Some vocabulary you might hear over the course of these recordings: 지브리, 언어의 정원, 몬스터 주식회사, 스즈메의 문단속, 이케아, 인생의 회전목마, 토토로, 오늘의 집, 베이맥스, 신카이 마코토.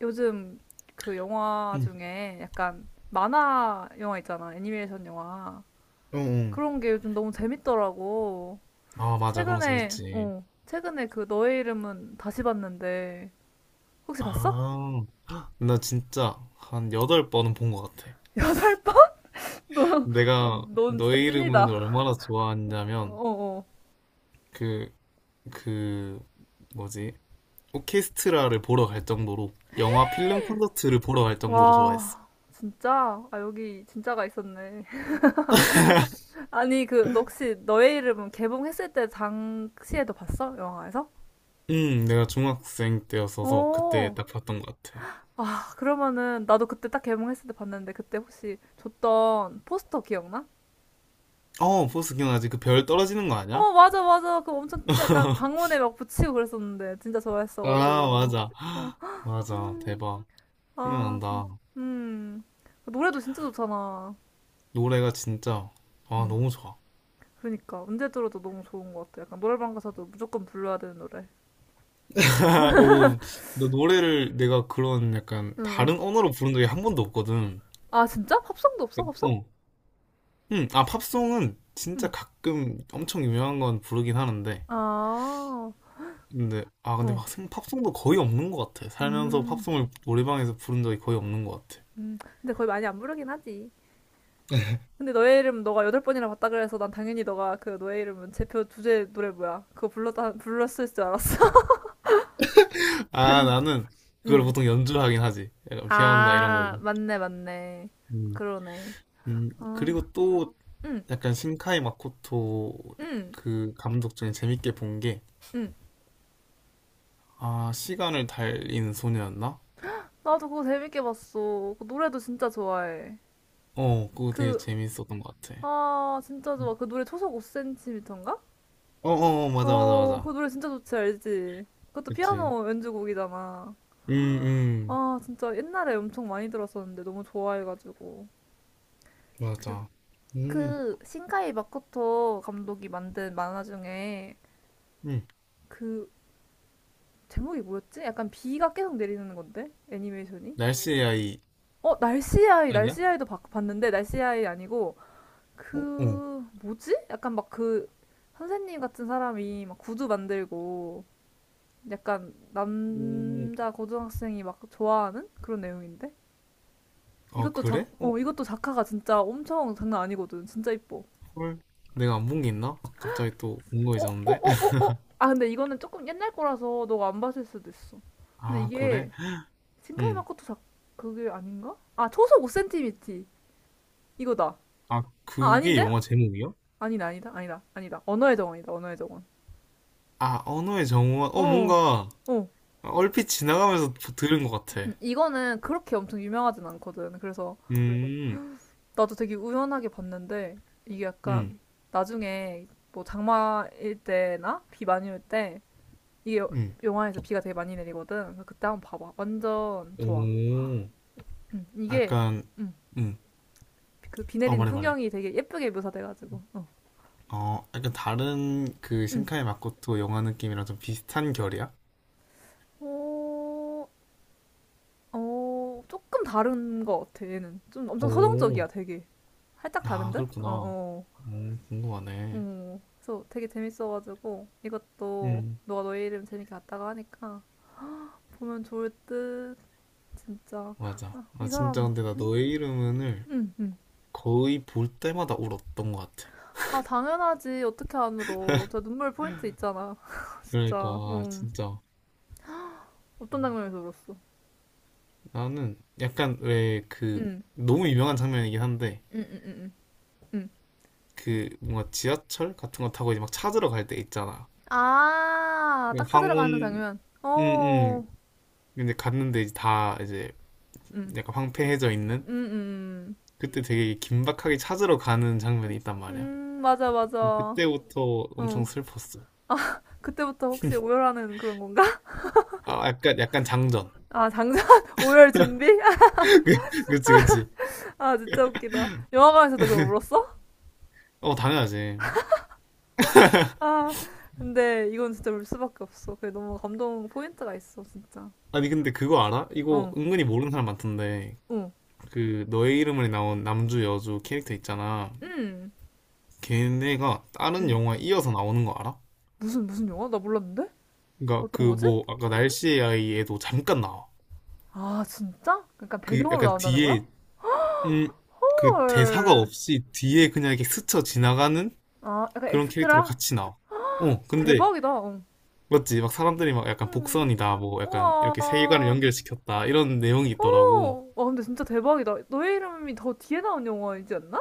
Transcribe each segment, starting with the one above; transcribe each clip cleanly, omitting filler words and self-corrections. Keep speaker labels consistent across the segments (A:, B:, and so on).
A: 요즘 그 영화
B: 응.
A: 중에 약간 만화 영화 있잖아. 애니메이션 영화.
B: 어, 어.
A: 그런 게 요즘 너무 재밌더라고.
B: 아, 맞아. 그런 거
A: 최근에,
B: 재밌지.
A: 어, 최근에 그 너의 이름은 다시 봤는데, 혹시 봤어?
B: 아, 나 진짜 한 여덟 번은 본 것 같아.
A: 여덟 번? 너,
B: 내가
A: 넌 진짜
B: 너의 이름을
A: 찐이다.
B: 얼마나 좋아하냐면,
A: 어어.
B: 그, 그, 뭐지? 오케스트라를 보러 갈 정도로, 영화 필름 콘서트를 보러 갈 정도로 좋아했어.
A: 와, 진짜? 아, 여기 진짜가 있었네. 아니, 그, 너 혹시 너의 이름은 개봉했을 때 당시에도 봤어? 영화에서?
B: 내가 중학생 때였어서 그때
A: 어.
B: 딱 봤던 것 같아.
A: 아, 그러면은 나도 그때 딱 개봉했을 때 봤는데 그때 혹시 줬던 포스터 기억나?
B: 어, 포스 기억나지? 그 별 떨어지는 거 아니야?
A: 어, 맞아, 맞아. 그 엄청 약간 방문에 막 붙이고 그랬었는데 진짜
B: 아,
A: 좋아했어가지고.
B: 맞아.
A: 어,
B: 맞아.
A: 음,
B: 대박.
A: 아,
B: 생각난다.
A: 음. 그 노래도 진짜 좋잖아.
B: 노래가 진짜, 아,
A: 음,
B: 너무 좋아.
A: 그러니까 언제 들어도 너무 좋은 것 같아. 약간 노래방 가서도 무조건 불러야 되는 노래.
B: 오, 나 노래를 내가 그런 약간
A: 응, 응.
B: 다른 언어로 부른 적이 한 번도 없거든.
A: 아, 진짜? 팝송도 없어? 팝송?
B: 어. 응, 아, 팝송은 진짜
A: 응.
B: 가끔 엄청 유명한 건 부르긴 하는데.
A: 아,
B: 근데
A: 어,
B: 막 팝송도 거의 없는 것 같아. 살면서
A: 음,
B: 팝송을 노래방에서 부른 적이 거의 없는 것 같아.
A: 근데 거의 많이 안 부르긴 하지. 근데 너의 이름 너가 여덟 번이나 봤다 그래서 난 당연히 너가 그 너의 이름은 제표 주제 노래 뭐야? 그거 불렀다 불렀을 줄 알았어.
B: 아, 나는 그걸
A: 응.
B: 보통 연주하긴 하지. 약간 피아노나 이런
A: 아
B: 걸로.
A: 맞네 맞네.
B: 음,
A: 그러네. 어.
B: 그리고 또
A: 응,
B: 약간 신카이 마코토
A: 응,
B: 그 감독 중에 재밌게 본 게,
A: 응.
B: 아, 시간을 달리는 소녀였나?
A: 나도 그거 재밌게 봤어. 그 노래도 진짜 좋아해.
B: 어, 그거 되게
A: 그,
B: 재밌었던 것 같아.
A: 진짜 좋아.
B: 음.
A: 그 노래 초속 5cm인가?
B: 어, 어, 어, 맞아, 맞아,
A: 어, 그
B: 맞아.
A: 노래 진짜 좋지, 알지? 그것도
B: 그치.
A: 피아노 연주곡이잖아.
B: 음,
A: 아, 진짜 옛날에 엄청 많이 들었었는데 너무 좋아해가지고. 그,
B: 맞아. 음,
A: 그 신카이 마코토 감독이 만든 만화 중에
B: 음.
A: 그 제목이 뭐였지? 약간 비가 계속 내리는 건데 애니메이션이?
B: 날씨 AI
A: 어 날씨 아이
B: 아니야?
A: 날씨 아이도 봤는데 날씨 아이 아니고
B: 어, 어.
A: 그 뭐지? 약간 막 그 선생님 같은 사람이 막 구두 만들고 약간
B: 음,
A: 남자 고등학생이 막 좋아하는 그런 내용인데
B: 아,
A: 이것도 작
B: 그래? 어,
A: 어 이것도 작화가 진짜 엄청 장난 아니거든 진짜 이뻐
B: 헐. 내가 안 본 게 있나? 아, 갑자기 또
A: 어, 어,
B: 궁금해졌는데?
A: 어, 어, 어. 아, 근데 이거는 조금 옛날 거라서 너가 안 봤을 수도 있어. 근데
B: 아, 그래?
A: 이게 신카이
B: 음.
A: 마코토 작 그게 아닌가? 아, 초속 5미티 이거다.
B: 아,
A: 아,
B: 그게
A: 아닌데?
B: 영화 제목이야?
A: 아니다, 아니다, 아니다, 아니다. 언어의 정원이다, 언어의 정원.
B: 아, 언어의 정원. 어,
A: 어,
B: 뭔가
A: 어.
B: 얼핏 지나가면서 들은 것 같아.
A: 이거는 그렇게 엄청 유명하진 않거든. 그래서
B: 음,
A: 나도 되게 우연하게 봤는데 이게
B: 음,
A: 약간 나중에 뭐 장마일 때나 비 많이 올 때 이게
B: 음.
A: 영화에서 비가 되게 많이 내리거든. 그래서 그때 한번 봐봐. 완전 좋아.
B: 오,
A: 이게
B: 약간,
A: 음,
B: 음.
A: 그 비
B: 어,
A: 내리는
B: 말해, 말해.
A: 풍경이 되게 예쁘게 묘사돼가지고.
B: 어, 약간 다른 그
A: 음.
B: 신카이 마코토 영화 느낌이랑 좀 비슷한 결이야?
A: 어, 어, 조금 다른 것 같아 얘는 좀 엄청
B: 오,
A: 서정적이야 되게 살짝 다른
B: 아,
A: 듯? 어어
B: 그렇구나.
A: 어.
B: 궁금하네.
A: 어. 그래서 되게 재밌어가지고 이것도
B: 음,
A: 너가 너의 이름 재밌게 봤다고 하니까 보면 좋을 듯 진짜
B: 맞아.
A: 아,
B: 아,
A: 이
B: 진짜
A: 사람
B: 근데 나 너의 이름을
A: 응 응
B: 거의 볼 때마다 울었던 것 같아.
A: 아 당연하지 어떻게 안 울어 저 눈물 포인트 있잖아 진짜
B: 그러니까, 진짜.
A: 어떤 장면에서 울었어
B: 나는 약간 왜 그,
A: 응
B: 너무 유명한 장면이긴 한데,
A: 응응응 응.
B: 그 뭔가 지하철 같은 거 타고 이제 막 찾으러 갈 때 있잖아.
A: 아,
B: 그
A: 딱 찾으러 가는
B: 황혼,
A: 장면.
B: 응, 응.
A: 어,
B: 근데 갔는데 이제 다 이제
A: 응
B: 약간 황폐해져 있는?
A: 응. 응 응.
B: 그때 되게 긴박하게 찾으러 가는 장면이 있단 말이야.
A: 맞아, 맞아.
B: 그때부터 엄청
A: 어,
B: 슬펐어.
A: 그때부터 혹시 오열하는 그런 건가?
B: 아, 약간 장전.
A: 아, 장전 오열 준비?
B: 그치, 그치.
A: 아, 진짜 웃기다. 영화관에서도 그럼 울었어?
B: 어, 당연하지.
A: 아, 근데 이건 진짜 울 수밖에 없어. 그게 너무 감동 포인트가 있어, 진짜.
B: 아니, 근데 그거 알아? 이거
A: 어,
B: 은근히 모르는 사람 많던데.
A: 어,
B: 그, 너의 이름을 나온 남주 여주 캐릭터 있잖아.
A: 응.
B: 걔네가 다른
A: 응.
B: 영화에 이어서 나오는 거 알아?
A: 무슨, 무슨 영화? 나 몰랐는데?
B: 그니까 그
A: 어떤 거지?
B: 뭐, 아까 날씨의 아이에도 잠깐 나와.
A: 아, 진짜? 그러니까
B: 그
A: 배경으로
B: 약간
A: 나온다는 거야?
B: 뒤에, 음, 그 대사가
A: 헐.
B: 없이 뒤에 그냥 이렇게 스쳐 지나가는
A: 아, 약간
B: 그런 캐릭터로
A: 엑스트라?
B: 같이 나와. 어, 근데
A: 대박이다. 어.
B: 맞지? 막 사람들이 막 약간
A: 음.
B: 복선이다, 뭐 약간 이렇게 세계관을
A: 우와.
B: 연결시켰다, 이런 내용이 있더라고.
A: 오. 와, 근데 진짜 대박이다. 너의 이름이 더 뒤에 나온 영화이지 않나?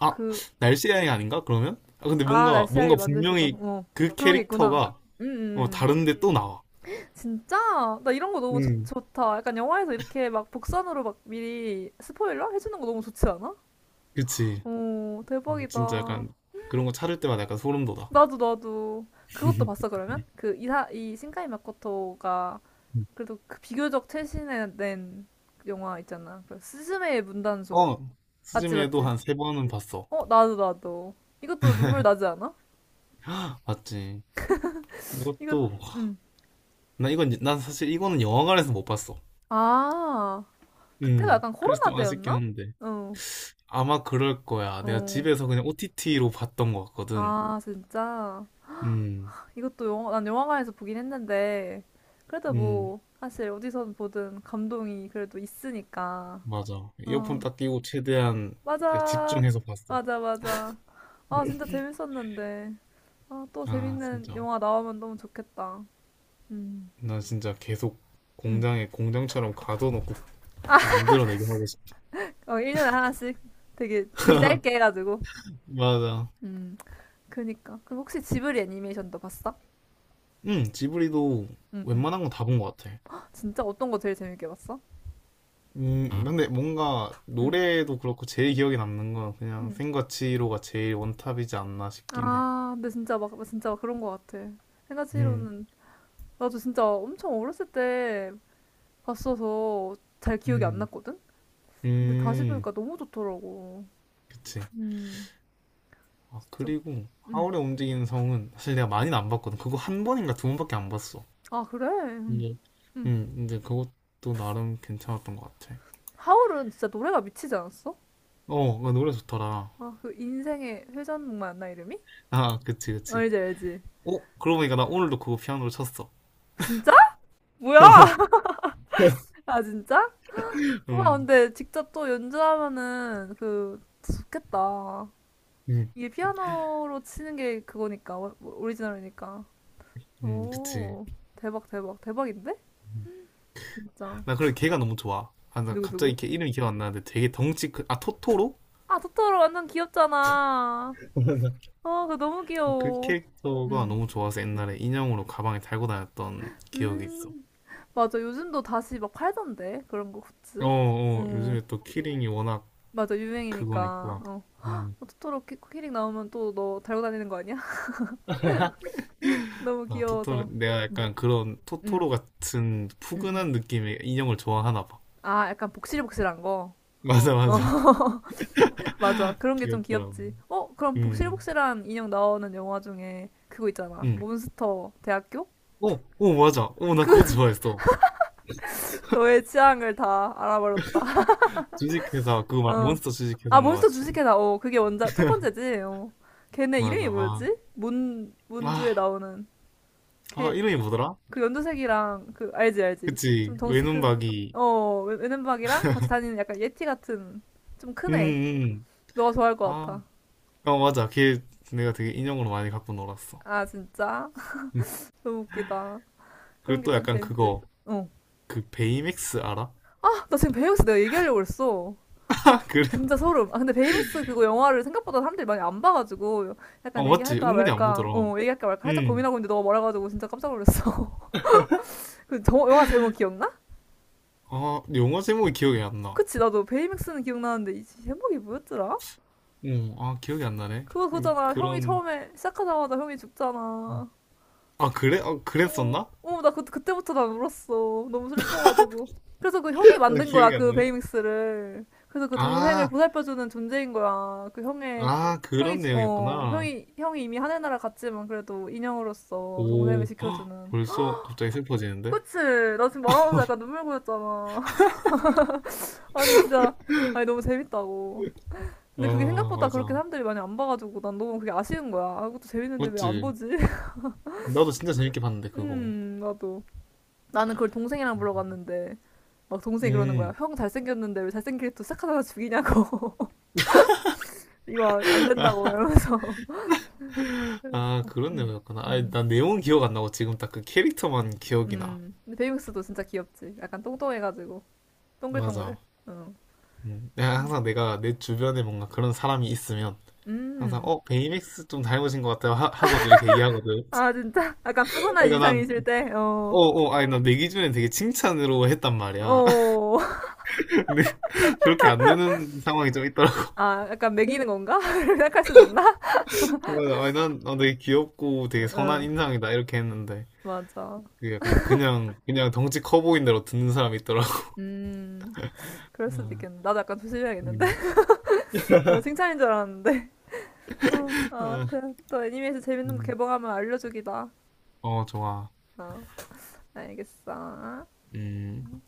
B: 아,
A: 그,
B: 날씨 여행 아닌가? 그러면? 아, 근데 뭔가,
A: 날씨
B: 뭔가
A: 아이 만들 수도.
B: 분명히
A: 어.
B: 그
A: 그런 게 있구나.
B: 캐릭터가
A: 음.
B: 다른데 또 나와.
A: 진짜? 나 이런 거 너무 좋,
B: 음.
A: 좋다. 약간 영화에서 이렇게 막 복선으로 막 미리 스포일러 해주는 거 너무 좋지 않아?
B: 그치.
A: 어,
B: 진짜
A: 대박이다.
B: 약간 그런 거 찾을 때마다 약간 소름 돋아.
A: 나도, 나도. 그것도 봤어, 그러면? 이 신카이 마코토가
B: 음.
A: 그래도 그 비교적 최신에 낸 영화 있잖아. 그 스즈메의 문단속.
B: 어,
A: 맞지,
B: 스즈메도
A: 맞지?
B: 한 세 번은 봤어.
A: 어, 나도, 나도. 이것도 눈물 나지 않아?
B: 헉, 맞지.
A: 이거,
B: 이것도,
A: 음.
B: 나 이건, 난 사실 이거는 영화관에서 못 봤어.
A: 아, 그때가 약간
B: 그래서
A: 코로나
B: 좀 아쉽긴
A: 때였나?
B: 한데.
A: 어,
B: 아마 그럴 거야. 내가
A: 어.
B: 집에서 그냥 OTT로 봤던 것 같거든.
A: 아, 진짜.
B: 음,
A: 이것도 난 영화관에서 보긴 했는데, 그래도
B: 음,
A: 뭐, 사실 어디선 보든 감동이 그래도 있으니까.
B: 맞아. 이어폰
A: 어,
B: 딱 끼고 최대한
A: 맞아.
B: 집중해서 봤어.
A: 맞아, 맞아. 아, 진짜 재밌었는데. 아, 또
B: 아,
A: 재밌는
B: 진짜.
A: 영화 나오면 너무 좋겠다. 음.
B: 난 진짜 계속
A: 음.
B: 공장에 공장처럼 가둬놓고 만들어내게 하고 싶어.
A: 어, 1년에 하나씩 되게 주기 짧게 해가지고.
B: 맞아.
A: 음, 그니까. 그럼 혹시 지브리 애니메이션도 봤어?
B: 응, 지브리도
A: 응 응
B: 웬만한 건 다 본 것 같아.
A: 진짜 어떤 거 제일 재밌게 봤어?
B: 근데 뭔가
A: 응
B: 노래도 그렇고 제일 기억에 남는 건 그냥
A: 응
B: 생과 치히로가 제일 원탑이지 않나 싶긴 해.
A: 아, 근데 진짜 막, 진짜 막 그런 거 같아.
B: 음,
A: 생가치로는, 나도 진짜 엄청 어렸을 때 봤어서 잘 기억이 안
B: 음,
A: 났거든? 근데 다시
B: 음,
A: 보니까 너무 좋더라고.
B: 그치.
A: 음,
B: 아,
A: 진짜.
B: 그리고
A: 음.
B: 하울의 움직이는 성은 사실 내가 많이는 안 봤거든. 그거 한 번인가 두 번밖에 안 봤어.
A: 아, 그래? 음.
B: 근
A: 음.
B: 근데 그것도 나름 괜찮았던 것 같아.
A: 하울은 진짜 노래가 미치지 않았어?
B: 어, 그 노래 좋더라.
A: 아, 그 인생의 회전목 맞나 이름이?
B: 아, 그치,
A: 아,
B: 그치.
A: 알지, 알지.
B: 어, 그러고 보니까 나 오늘도 그거 피아노를 쳤어.
A: 진짜? 뭐야? 아, 진짜? 와,
B: 음,
A: 근데 직접 또 연주하면은 그 좋겠다.
B: 음,
A: 이게 피아노로 치는 게 그거니까, 오리지널이니까.
B: 그치.
A: 오, 대박, 대박, 대박인데?
B: 음.
A: 진짜.
B: 나 그래, 걔가 너무 좋아. 아, 나
A: 누구, 누구?
B: 갑자기 걔 이름이 기억 안 나는데 되게 덩치 큰, 아, 토토로?
A: 아, 토토로 완전 귀엽잖아. 아, 그거 너무
B: 그
A: 귀여워.
B: 캐릭터가
A: 음,
B: 너무 좋아서 옛날에 인형으로 가방에 달고 다녔던 기억이 있어.
A: 음, 맞아. 요즘도 다시 막 팔던데. 그런 거
B: 어,
A: 굿즈.
B: 어,
A: 음,
B: 요즘에 또 키링이 워낙
A: 맞아. 유행이니까.
B: 그거니까.
A: 어.
B: 음,
A: 토토로 키링 나오면 또 너 달고 다니는 거 아니야? 너무
B: 아, 토토로,
A: 귀여워서.
B: 내가 약간 그런
A: 응,
B: 토토로 같은
A: 응, 응.
B: 푸근한 느낌의 인형을 좋아하나 봐.
A: 아, 약간 복실복실한 거.
B: 맞아,
A: 어,
B: 맞아.
A: 맞아. 그런 게 좀
B: 귀엽더라고.
A: 귀엽지. 어, 그럼
B: 음,
A: 복실복실한 인형 나오는 영화 중에 그거 있잖아.
B: 음.
A: 몬스터 대학교?
B: 어, 어, 맞아. 어, 나
A: 그,
B: 그것도 좋아했어.
A: 너의 취향을 다 알아버렸다.
B: 주식회사, 그거 말,
A: 어.
B: 몬스터
A: 아,
B: 주식회사인가
A: 몬스터
B: 맞지?
A: 주식회사. 어, 그게 원작, 첫 번째지. 어. 걔네
B: 맞아.
A: 이름이
B: 아,
A: 뭐였지? 문주에
B: 아,
A: 나오는.
B: 아,
A: 걔,
B: 이름이 뭐더라?
A: 그 연두색이랑 그 알지 알지 좀
B: 그치.
A: 덩치
B: 외눈박이.
A: 큰어 외눈박이랑 같이 다니는 약간 예티 같은 좀
B: 음,
A: 큰 애
B: 음.
A: 너가 좋아할 것
B: 아,
A: 같아
B: 어, 맞아. 걔 내가 되게 인형으로 많이 갖고 놀았어.
A: 아 진짜
B: 음.
A: 너무 웃기다 그런
B: 그리고
A: 게
B: 또
A: 좀
B: 약간
A: 재밌지
B: 그거, 그 베이맥스 알아?
A: 어아나 지금 베이맥스 내가 얘기하려고 그랬어
B: 그래?
A: 진짜 소름 아 근데 베이맥스 그거 영화를 생각보다 사람들이 많이 안 봐가지고
B: 어,
A: 약간
B: 맞지.
A: 얘기할까
B: 은근히 안
A: 말까
B: 보더라.
A: 얘기할까 말까 살짝
B: 음.
A: 고민하고 있는데 너가 말해가지고 진짜 깜짝 놀랐어 그 영화 제목 기억나?
B: 아, 영화 제목이 기억이 안 나.
A: 그치 나도 베이맥스는 기억나는데 이 제목이 뭐였더라?
B: 어, 아, 기억이 안 나네.
A: 그거
B: 근데
A: 그거잖아. 형이
B: 그런,
A: 처음에 시작하자마자 형이 죽잖아.
B: 아, 그래? 아,
A: 어,
B: 그랬었나?
A: 어, 나 그때부터 난 울었어. 너무 슬퍼가지고. 그래서 그 형이
B: 아,
A: 만든 거야,
B: 기억이 안
A: 그
B: 나네.
A: 베이믹스를. 그래서 그 동생을
B: 아,
A: 보살펴주는 존재인 거야. 그 형의,
B: 아,
A: 형이,
B: 그런
A: 어,
B: 내용이었구나.
A: 형이, 형이 이미 하늘나라 갔지만 그래도 인형으로서 동생을
B: 오, 헉,
A: 지켜주는.
B: 벌써 갑자기 슬퍼지는데?
A: 그치? 나 지금 말하면서 약간 눈물 고였잖아. 아니, 진짜. 아니, 너무 재밌다고. 근데 그게
B: 아,
A: 생각보다 그렇게
B: 맞아.
A: 사람들이 많이 안 봐가지고 난 너무 그게 아쉬운 거야. 아, 그것도 재밌는데 왜 안
B: 맞지?
A: 보지?
B: 나도 진짜 재밌게 봤는데, 그거.
A: 나도. 나는 그걸 동생이랑 보러 갔는데, 막 동생이 그러는 거야.
B: 음,
A: 형 잘생겼는데 왜 잘생길 또 착하다가 죽이냐고. 이거 안 된다고,
B: 아,
A: 이러면서. 그래서,
B: 아, 그런 내용이었구나. 아니,
A: 음,
B: 난 내용은 기억 안 나고 지금 딱 그 캐릭터만 기억이 나.
A: 근데 베이맥스도 진짜 귀엽지. 약간 똥똥해가지고. 동글동글.
B: 맞아.
A: 어.
B: 내가 항상 내가 내 주변에 뭔가 그런 사람이 있으면 항상
A: 음.
B: 베이맥스 좀 닮으신 것 같아요 하고도 이렇게 얘기하거든
A: 아, 진짜? 약간 푸근한
B: 그러니까
A: 인상이실 때, 어,
B: 난어어 아니 난 내 기준엔 되게 칭찬으로 했단 말이야
A: 어.
B: 근데 그렇게 안 되는 상황이 좀 있더라고
A: 아, 약간 매기는 건가? 생각할 수도 있나?
B: 그래서 아니 난, 되게 귀엽고
A: 어,
B: 되게 선한
A: 어.
B: 인상이다 이렇게 했는데
A: 맞아.
B: 그게 약간 그냥 그냥 덩치 커 보인 대로 듣는 사람이 있더라고
A: 음, 그럴 수도 있겠네. 나도 약간 조심해야겠는데?
B: 음.
A: 어, 칭찬인 줄 알았는데. 어, 아무튼 또 애니메이션 재밌는 거
B: 음.
A: 개봉하면 알려주기다.
B: 어 좋아
A: 어, 알겠어.
B: 음